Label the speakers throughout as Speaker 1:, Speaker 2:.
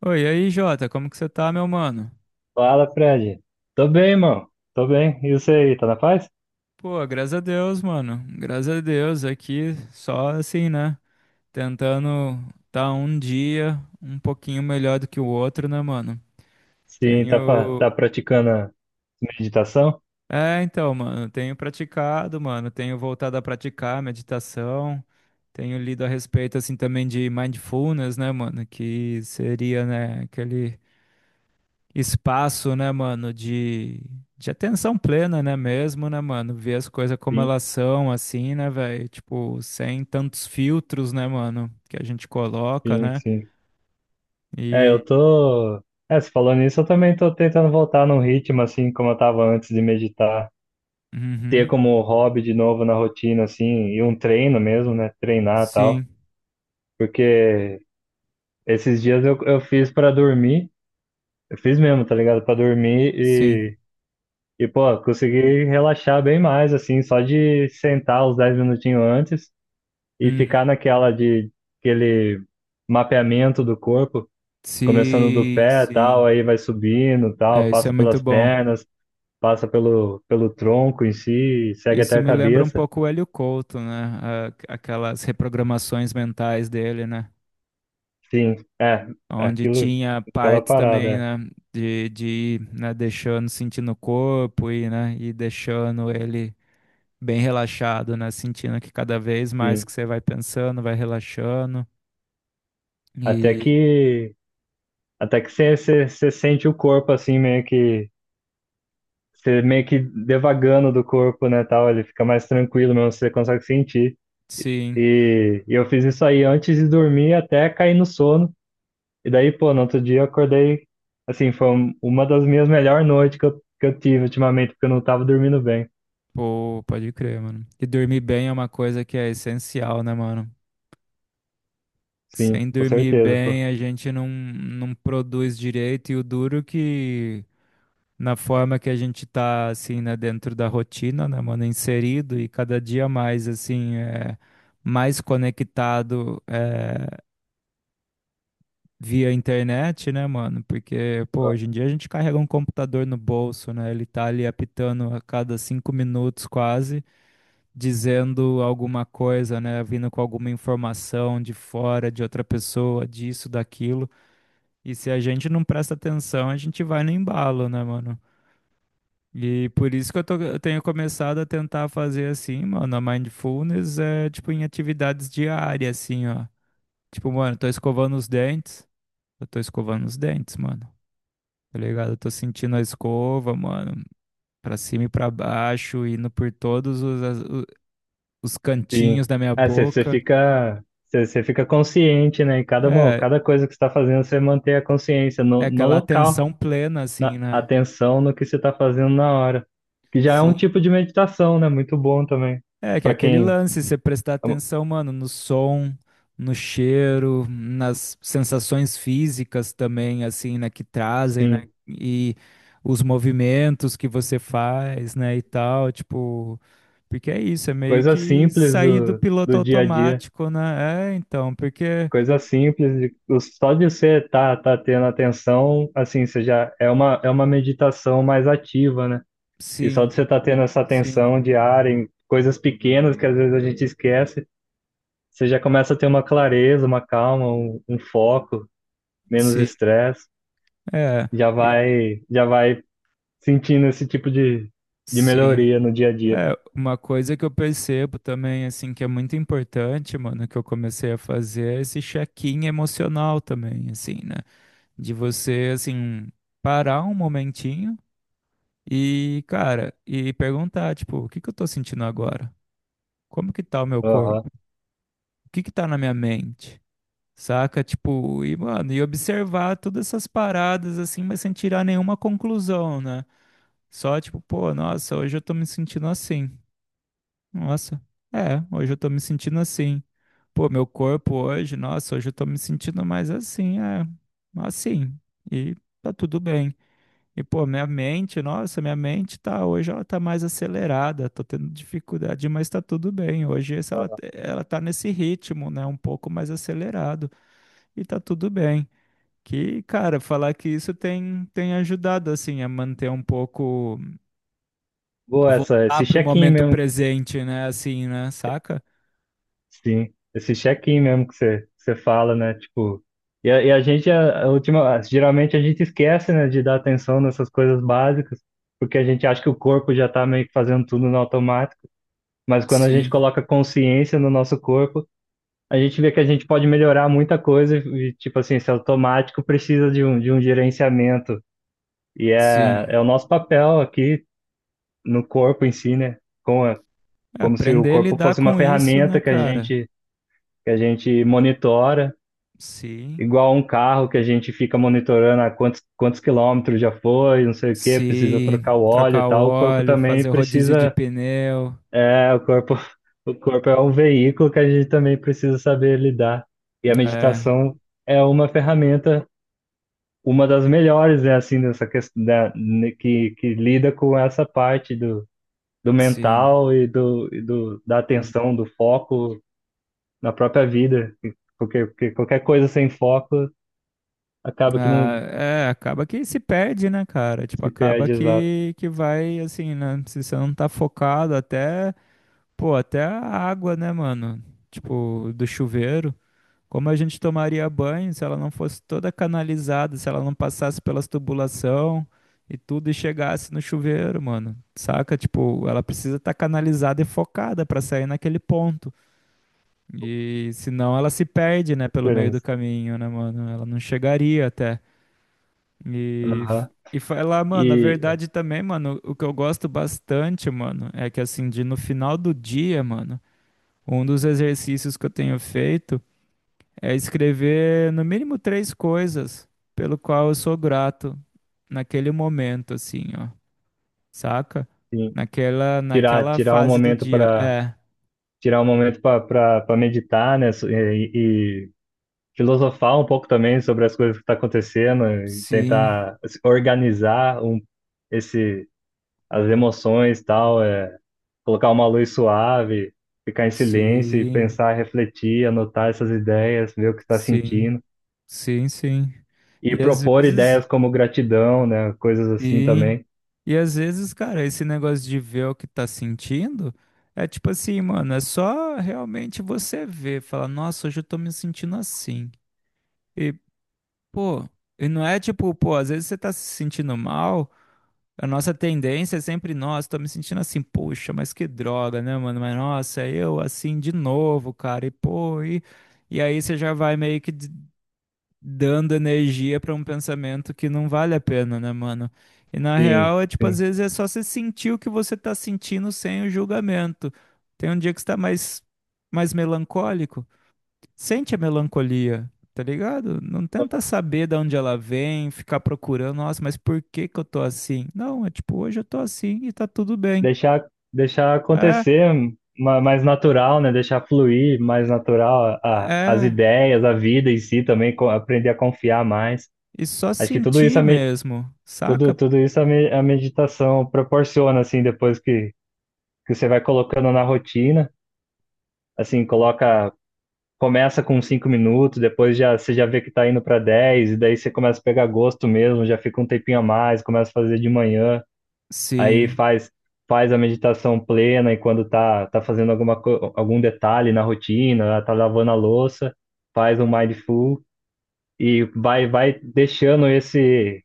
Speaker 1: Oi, e aí, Jota, como que você tá, meu mano?
Speaker 2: Fala, Fred. Tô bem, mano. Tô bem. E você aí, tá na paz?
Speaker 1: Pô, graças a Deus, mano. Graças a Deus, aqui só assim, né? Tentando tá um dia um pouquinho melhor do que o outro, né, mano?
Speaker 2: Sim, tá, tá
Speaker 1: Tenho.
Speaker 2: praticando a meditação?
Speaker 1: Mano, tenho praticado, mano, tenho voltado a praticar meditação, tenho lido a respeito, assim, também de mindfulness, né, mano? Que seria, né, aquele espaço, né, mano, de atenção plena, né, mesmo, né, mano, ver as coisas como
Speaker 2: Sim,
Speaker 1: elas são, assim, né, velho, tipo, sem tantos filtros, né, mano, que a gente coloca,
Speaker 2: sim, sim. É,
Speaker 1: e,
Speaker 2: eu tô. É, se falando nisso, eu também tô tentando voltar num ritmo assim como eu tava antes de meditar. Ter
Speaker 1: uhum,
Speaker 2: como hobby de novo na rotina, assim, e um treino mesmo, né? Treinar e tal.
Speaker 1: sim,
Speaker 2: Porque esses dias eu fiz pra dormir. Eu fiz mesmo, tá ligado? Pra dormir.
Speaker 1: sim,
Speaker 2: E, pô, consegui relaxar bem mais, assim, só de sentar os 10 minutinhos antes e ficar
Speaker 1: uhum,
Speaker 2: naquela de aquele mapeamento do corpo, começando do
Speaker 1: sim,
Speaker 2: pé, tal,
Speaker 1: sim,
Speaker 2: aí vai subindo, tal,
Speaker 1: é, isso é
Speaker 2: passa
Speaker 1: muito
Speaker 2: pelas
Speaker 1: bom.
Speaker 2: pernas, passa pelo tronco em si, segue até
Speaker 1: Isso
Speaker 2: a
Speaker 1: me lembra um
Speaker 2: cabeça.
Speaker 1: pouco o Hélio Couto, né, aquelas reprogramações mentais dele, né.
Speaker 2: Sim, é,
Speaker 1: Onde
Speaker 2: aquilo,
Speaker 1: tinha
Speaker 2: aquela
Speaker 1: partes também,
Speaker 2: parada, é.
Speaker 1: né, de ir, né, deixando, sentindo o corpo e, né, e deixando ele bem relaxado, né, sentindo que cada vez mais que
Speaker 2: Sim.
Speaker 1: você vai pensando, vai relaxando.
Speaker 2: Até
Speaker 1: E
Speaker 2: que, até que você sente o corpo, assim, meio que você meio que devagando do corpo, né, tal, ele fica mais tranquilo mesmo, você consegue sentir.
Speaker 1: sim,
Speaker 2: E eu fiz isso aí antes de dormir até cair no sono. E daí, pô, no outro dia eu acordei, assim, foi uma das minhas melhores noites que eu tive ultimamente, porque eu não tava dormindo bem.
Speaker 1: pô, pode crer, mano. E dormir bem é uma coisa que é essencial, né, mano?
Speaker 2: Sim,
Speaker 1: Sem
Speaker 2: com
Speaker 1: dormir
Speaker 2: certeza, pô.
Speaker 1: bem, a gente não produz direito e o duro que na forma que a gente tá, assim, né, dentro da rotina, né, mano, inserido e cada dia mais, assim, é, mais conectado é, via internet, né, mano? Porque, pô, hoje em dia a gente carrega um computador no bolso, né? Ele tá ali apitando a cada 5 minutos quase, dizendo alguma coisa, né? Vindo com alguma informação de fora, de outra pessoa, disso, daquilo. E se a gente não presta atenção, a gente vai no embalo, né, mano? E por isso que eu tenho começado a tentar fazer assim, mano, a mindfulness é tipo em atividades diárias, assim, ó. Tipo, mano, tô escovando os dentes. Eu tô escovando os dentes, mano. Tá ligado? Eu tô sentindo a escova, mano, pra cima e pra baixo, indo por todos os, as- o- os cantinhos
Speaker 2: Sim.
Speaker 1: da minha
Speaker 2: É, você você
Speaker 1: boca.
Speaker 2: fica, você você fica consciente, né? Em cada,
Speaker 1: É,
Speaker 2: cada coisa que você está fazendo, você mantém a consciência
Speaker 1: é
Speaker 2: no
Speaker 1: aquela
Speaker 2: local.
Speaker 1: atenção plena, assim,
Speaker 2: Na
Speaker 1: né?
Speaker 2: atenção no que você está fazendo na hora, que já é um
Speaker 1: Sim.
Speaker 2: tipo de meditação, né? Muito bom também
Speaker 1: É, que é
Speaker 2: para
Speaker 1: aquele
Speaker 2: quem,
Speaker 1: lance, você prestar atenção, mano, no som, no cheiro, nas sensações físicas também, assim, né, que trazem, né,
Speaker 2: sim,
Speaker 1: e os movimentos que você faz, né, e tal, tipo, porque é isso, é meio
Speaker 2: coisa
Speaker 1: que
Speaker 2: simples
Speaker 1: sair do
Speaker 2: do,
Speaker 1: piloto
Speaker 2: do dia a dia,
Speaker 1: automático, né, é, então, porque,
Speaker 2: coisa simples só de você tá tendo atenção, assim, você já é uma meditação mais ativa, né? E só
Speaker 1: sim,
Speaker 2: de você estar tendo essa
Speaker 1: sim,
Speaker 2: atenção diária em coisas pequenas que às vezes a gente esquece, você já começa a ter uma clareza, uma calma, um foco, menos
Speaker 1: sim,
Speaker 2: estresse,
Speaker 1: é,
Speaker 2: já
Speaker 1: e-
Speaker 2: vai já vai sentindo esse tipo de
Speaker 1: sim.
Speaker 2: melhoria no dia a dia.
Speaker 1: É, uma coisa que eu percebo também, assim, que é muito importante, mano, que eu comecei a fazer é esse check-in emocional também, assim, né? De você, assim, parar um momentinho e, cara, e perguntar, tipo, o que que eu tô sentindo agora? Como que tá o meu
Speaker 2: Aham.
Speaker 1: corpo? O que que tá na minha mente? Saca? Tipo, e, mano, e observar todas essas paradas, assim, mas sem tirar nenhuma conclusão, né? Só, tipo, pô, nossa, hoje eu tô me sentindo assim. Nossa, é, hoje eu tô me sentindo assim. Pô, meu corpo hoje, nossa, hoje eu tô me sentindo mais assim, é, assim, e tá tudo bem. E, pô, minha mente, nossa, minha mente tá, hoje ela tá mais acelerada, tô tendo dificuldade, mas tá tudo bem. Hoje ela tá nesse ritmo, né, um pouco mais acelerado, e tá tudo bem. Que, cara, falar que isso tem ajudado, assim, a manter um pouco, a
Speaker 2: Boa, essa,
Speaker 1: voltar
Speaker 2: esse
Speaker 1: pro
Speaker 2: check-in
Speaker 1: momento
Speaker 2: mesmo.
Speaker 1: presente, né, assim, né, saca?
Speaker 2: Sim, esse check-in mesmo que você fala, né? Tipo, e a gente, a última, geralmente a gente esquece, né, de dar atenção nessas coisas básicas, porque a gente acha que o corpo já tá meio que fazendo tudo no automático, mas quando a gente
Speaker 1: Sim.
Speaker 2: coloca consciência no nosso corpo, a gente vê que a gente pode melhorar muita coisa e, tipo assim, esse automático precisa de um gerenciamento. E é,
Speaker 1: Sim.
Speaker 2: é o nosso papel aqui no corpo em si, né? Com a-
Speaker 1: É,
Speaker 2: como se o
Speaker 1: aprender a
Speaker 2: corpo
Speaker 1: lidar
Speaker 2: fosse uma
Speaker 1: com isso, né,
Speaker 2: ferramenta que a
Speaker 1: cara?
Speaker 2: gente, que a gente monitora,
Speaker 1: Sim.
Speaker 2: igual um carro que a gente fica monitorando a quantos quilômetros já foi, não sei o quê, precisa trocar
Speaker 1: Sim.
Speaker 2: o óleo e
Speaker 1: Trocar o
Speaker 2: tal. O corpo
Speaker 1: óleo,
Speaker 2: também
Speaker 1: fazer o rodízio de
Speaker 2: precisa,
Speaker 1: pneu.
Speaker 2: é, o corpo, o corpo é um veículo que a gente também precisa saber lidar. E a
Speaker 1: É,
Speaker 2: meditação é uma ferramenta, uma das melhores, né, assim, dessa questão, da, né, que lida com essa parte do
Speaker 1: sim.
Speaker 2: mental e do da atenção, do foco na própria vida. Porque qualquer coisa sem foco acaba que não
Speaker 1: Ah, é, acaba que se perde, né, cara? Tipo,
Speaker 2: que
Speaker 1: acaba
Speaker 2: perde exato
Speaker 1: que vai, assim, né? Se você não tá focado, até, pô, até a água, né, mano? Tipo, do chuveiro. Como a gente tomaria banho se ela não fosse toda canalizada, se ela não passasse pelas tubulação e tudo e chegasse no chuveiro, mano? Saca? Tipo, ela precisa estar canalizada e focada pra sair naquele ponto. E senão ela se perde, né,
Speaker 2: a
Speaker 1: pelo meio do
Speaker 2: diferença.
Speaker 1: caminho, né, mano? Ela não chegaria até. E
Speaker 2: Aham.
Speaker 1: e falar, mano, na
Speaker 2: E
Speaker 1: verdade também, mano, o que eu gosto bastante, mano, é que assim, de no final do dia, mano, um dos exercícios que eu tenho feito é escrever no mínimo três coisas pelo qual eu sou grato naquele momento, assim, ó, saca?
Speaker 2: assim,
Speaker 1: Naquela,
Speaker 2: tirar
Speaker 1: naquela
Speaker 2: tirar um
Speaker 1: fase do
Speaker 2: momento
Speaker 1: dia.
Speaker 2: para
Speaker 1: É,
Speaker 2: tirar um momento para meditar, né? E filosofar um pouco também sobre as coisas que estão acontecendo e
Speaker 1: sim,
Speaker 2: tentar assim, organizar um, esse as emoções e tal. É, colocar uma luz suave, ficar em silêncio e
Speaker 1: sim,
Speaker 2: pensar, refletir, anotar essas ideias, ver o que está
Speaker 1: sim,
Speaker 2: sentindo
Speaker 1: sim, sim.
Speaker 2: e
Speaker 1: E às
Speaker 2: propor
Speaker 1: vezes,
Speaker 2: ideias como gratidão, né? Coisas assim
Speaker 1: sim.
Speaker 2: também.
Speaker 1: E às vezes, cara, esse negócio de ver o que tá sentindo é tipo assim, mano, é só realmente você ver, falar, nossa, hoje eu tô me sentindo assim. Pô, e não é tipo, pô, às vezes você tá se sentindo mal, a nossa tendência é sempre, nossa, tô me sentindo assim, poxa, mas que droga, né, mano? Mas nossa, eu assim de novo, cara, e aí você já vai dando energia pra um pensamento que não vale a pena, né, mano? E na
Speaker 2: Sim,
Speaker 1: real é tipo, às
Speaker 2: sim.
Speaker 1: vezes é só você sentir o que você tá sentindo sem o julgamento. Tem um dia que você tá mais melancólico sente a melancolia, tá ligado? Não tenta saber de onde ela vem, ficar procurando, nossa, mas por que que eu tô assim? Não, é tipo, hoje eu tô assim e tá tudo bem.
Speaker 2: Deixar, deixar
Speaker 1: É,
Speaker 2: acontecer mais natural, né? Deixar fluir mais natural as
Speaker 1: é,
Speaker 2: ideias, a vida em si também, aprender a confiar mais.
Speaker 1: e só
Speaker 2: Acho que tudo isso
Speaker 1: sentir mesmo, saca?
Speaker 2: a meditação proporciona, assim, depois que você vai colocando na rotina, assim, coloca começa com 5 minutos, depois já você já vê que tá indo para 10 e daí você começa a pegar gosto mesmo, já fica um tempinho a mais, começa a fazer de manhã, aí
Speaker 1: Sim,
Speaker 2: faz a meditação plena e quando tá fazendo algum detalhe na rotina, tá lavando a louça, faz um mindful e vai deixando esse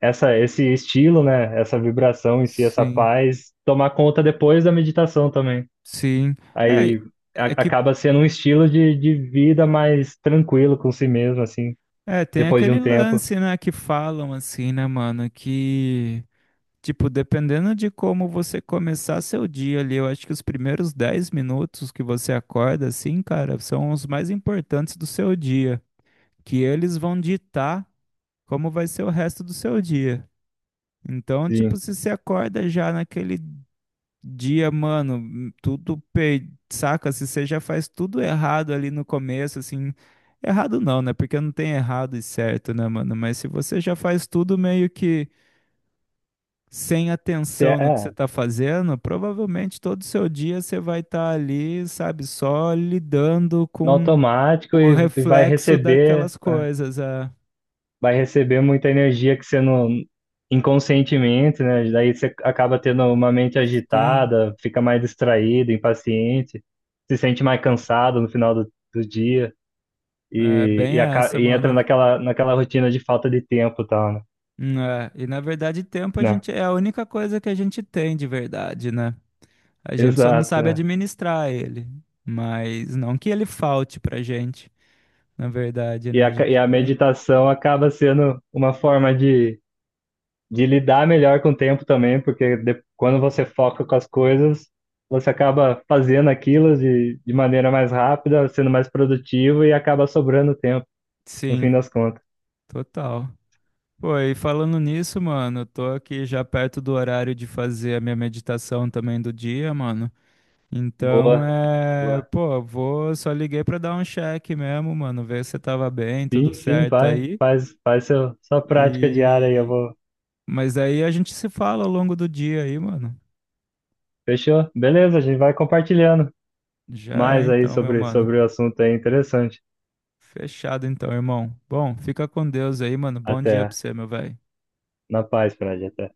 Speaker 2: essa esse estilo, né, essa vibração em si, essa
Speaker 1: sim,
Speaker 2: paz tomar conta depois da meditação também.
Speaker 1: sim. É,
Speaker 2: Aí
Speaker 1: é que,
Speaker 2: acaba sendo um estilo de vida mais tranquilo com si mesmo, assim,
Speaker 1: tem
Speaker 2: depois de
Speaker 1: aquele
Speaker 2: um tempo.
Speaker 1: lance, né, que falam assim, né, mano, que tipo, dependendo de como você começar seu dia ali, eu acho que os primeiros 10 minutos que você acorda, assim, cara, são os mais importantes do seu dia, que eles vão ditar como vai ser o resto do seu dia. Então, tipo,
Speaker 2: De,
Speaker 1: se você acorda já naquele dia, mano, tudo pe... saca? Se você já faz tudo errado ali no começo, assim, errado não, né? Porque não tem errado e certo, né, mano? Mas se você já faz tudo meio que sem
Speaker 2: é,
Speaker 1: atenção no que você
Speaker 2: é,
Speaker 1: está fazendo, provavelmente todo o seu dia você vai estar ali, sabe, só lidando
Speaker 2: no
Speaker 1: com
Speaker 2: automático
Speaker 1: o
Speaker 2: e vai
Speaker 1: reflexo
Speaker 2: receber,
Speaker 1: daquelas
Speaker 2: é,
Speaker 1: coisas. É.
Speaker 2: vai receber muita energia que você não, inconscientemente, né? Daí você acaba tendo uma mente
Speaker 1: Sim,
Speaker 2: agitada, fica mais distraído, impaciente, se sente mais cansado no final do dia
Speaker 1: é
Speaker 2: e, e,
Speaker 1: bem
Speaker 2: aca-
Speaker 1: essa,
Speaker 2: e entra
Speaker 1: mano.
Speaker 2: naquela rotina de falta de tempo e tal, né?
Speaker 1: É. E na verdade, tempo a
Speaker 2: Né?
Speaker 1: gente é a única coisa que a gente tem de verdade, né? A gente só não
Speaker 2: Exato.
Speaker 1: sabe
Speaker 2: É.
Speaker 1: administrar ele. Mas não que ele falte pra gente, na verdade,
Speaker 2: E
Speaker 1: né?
Speaker 2: a,
Speaker 1: A
Speaker 2: ca- e
Speaker 1: gente
Speaker 2: a
Speaker 1: tem.
Speaker 2: meditação acaba sendo uma forma de lidar melhor com o tempo também, porque quando você foca com as coisas, você acaba fazendo aquilo de maneira mais rápida, sendo mais produtivo e acaba sobrando tempo, no
Speaker 1: Sim,
Speaker 2: fim das contas.
Speaker 1: total. Pô, e falando nisso, mano, eu tô aqui já perto do horário de fazer a minha meditação também do dia, mano. Então
Speaker 2: Boa,
Speaker 1: é,
Speaker 2: boa.
Speaker 1: pô, vou, só liguei pra dar um check mesmo, mano, ver se você tava bem, tudo
Speaker 2: Sim, sim,
Speaker 1: certo
Speaker 2: vai.
Speaker 1: aí.
Speaker 2: Faz seu, sua prática diária aí, eu
Speaker 1: E
Speaker 2: vou.
Speaker 1: mas aí a gente se fala ao longo do dia aí, mano.
Speaker 2: Fechou? Beleza, a gente vai compartilhando
Speaker 1: Já é
Speaker 2: mais aí
Speaker 1: então, meu
Speaker 2: sobre,
Speaker 1: mano.
Speaker 2: sobre o assunto aí, interessante.
Speaker 1: Fechado então, irmão. Bom, fica com Deus aí, mano. Bom dia pra
Speaker 2: Até
Speaker 1: você, meu velho.
Speaker 2: na paz, Fred. Até.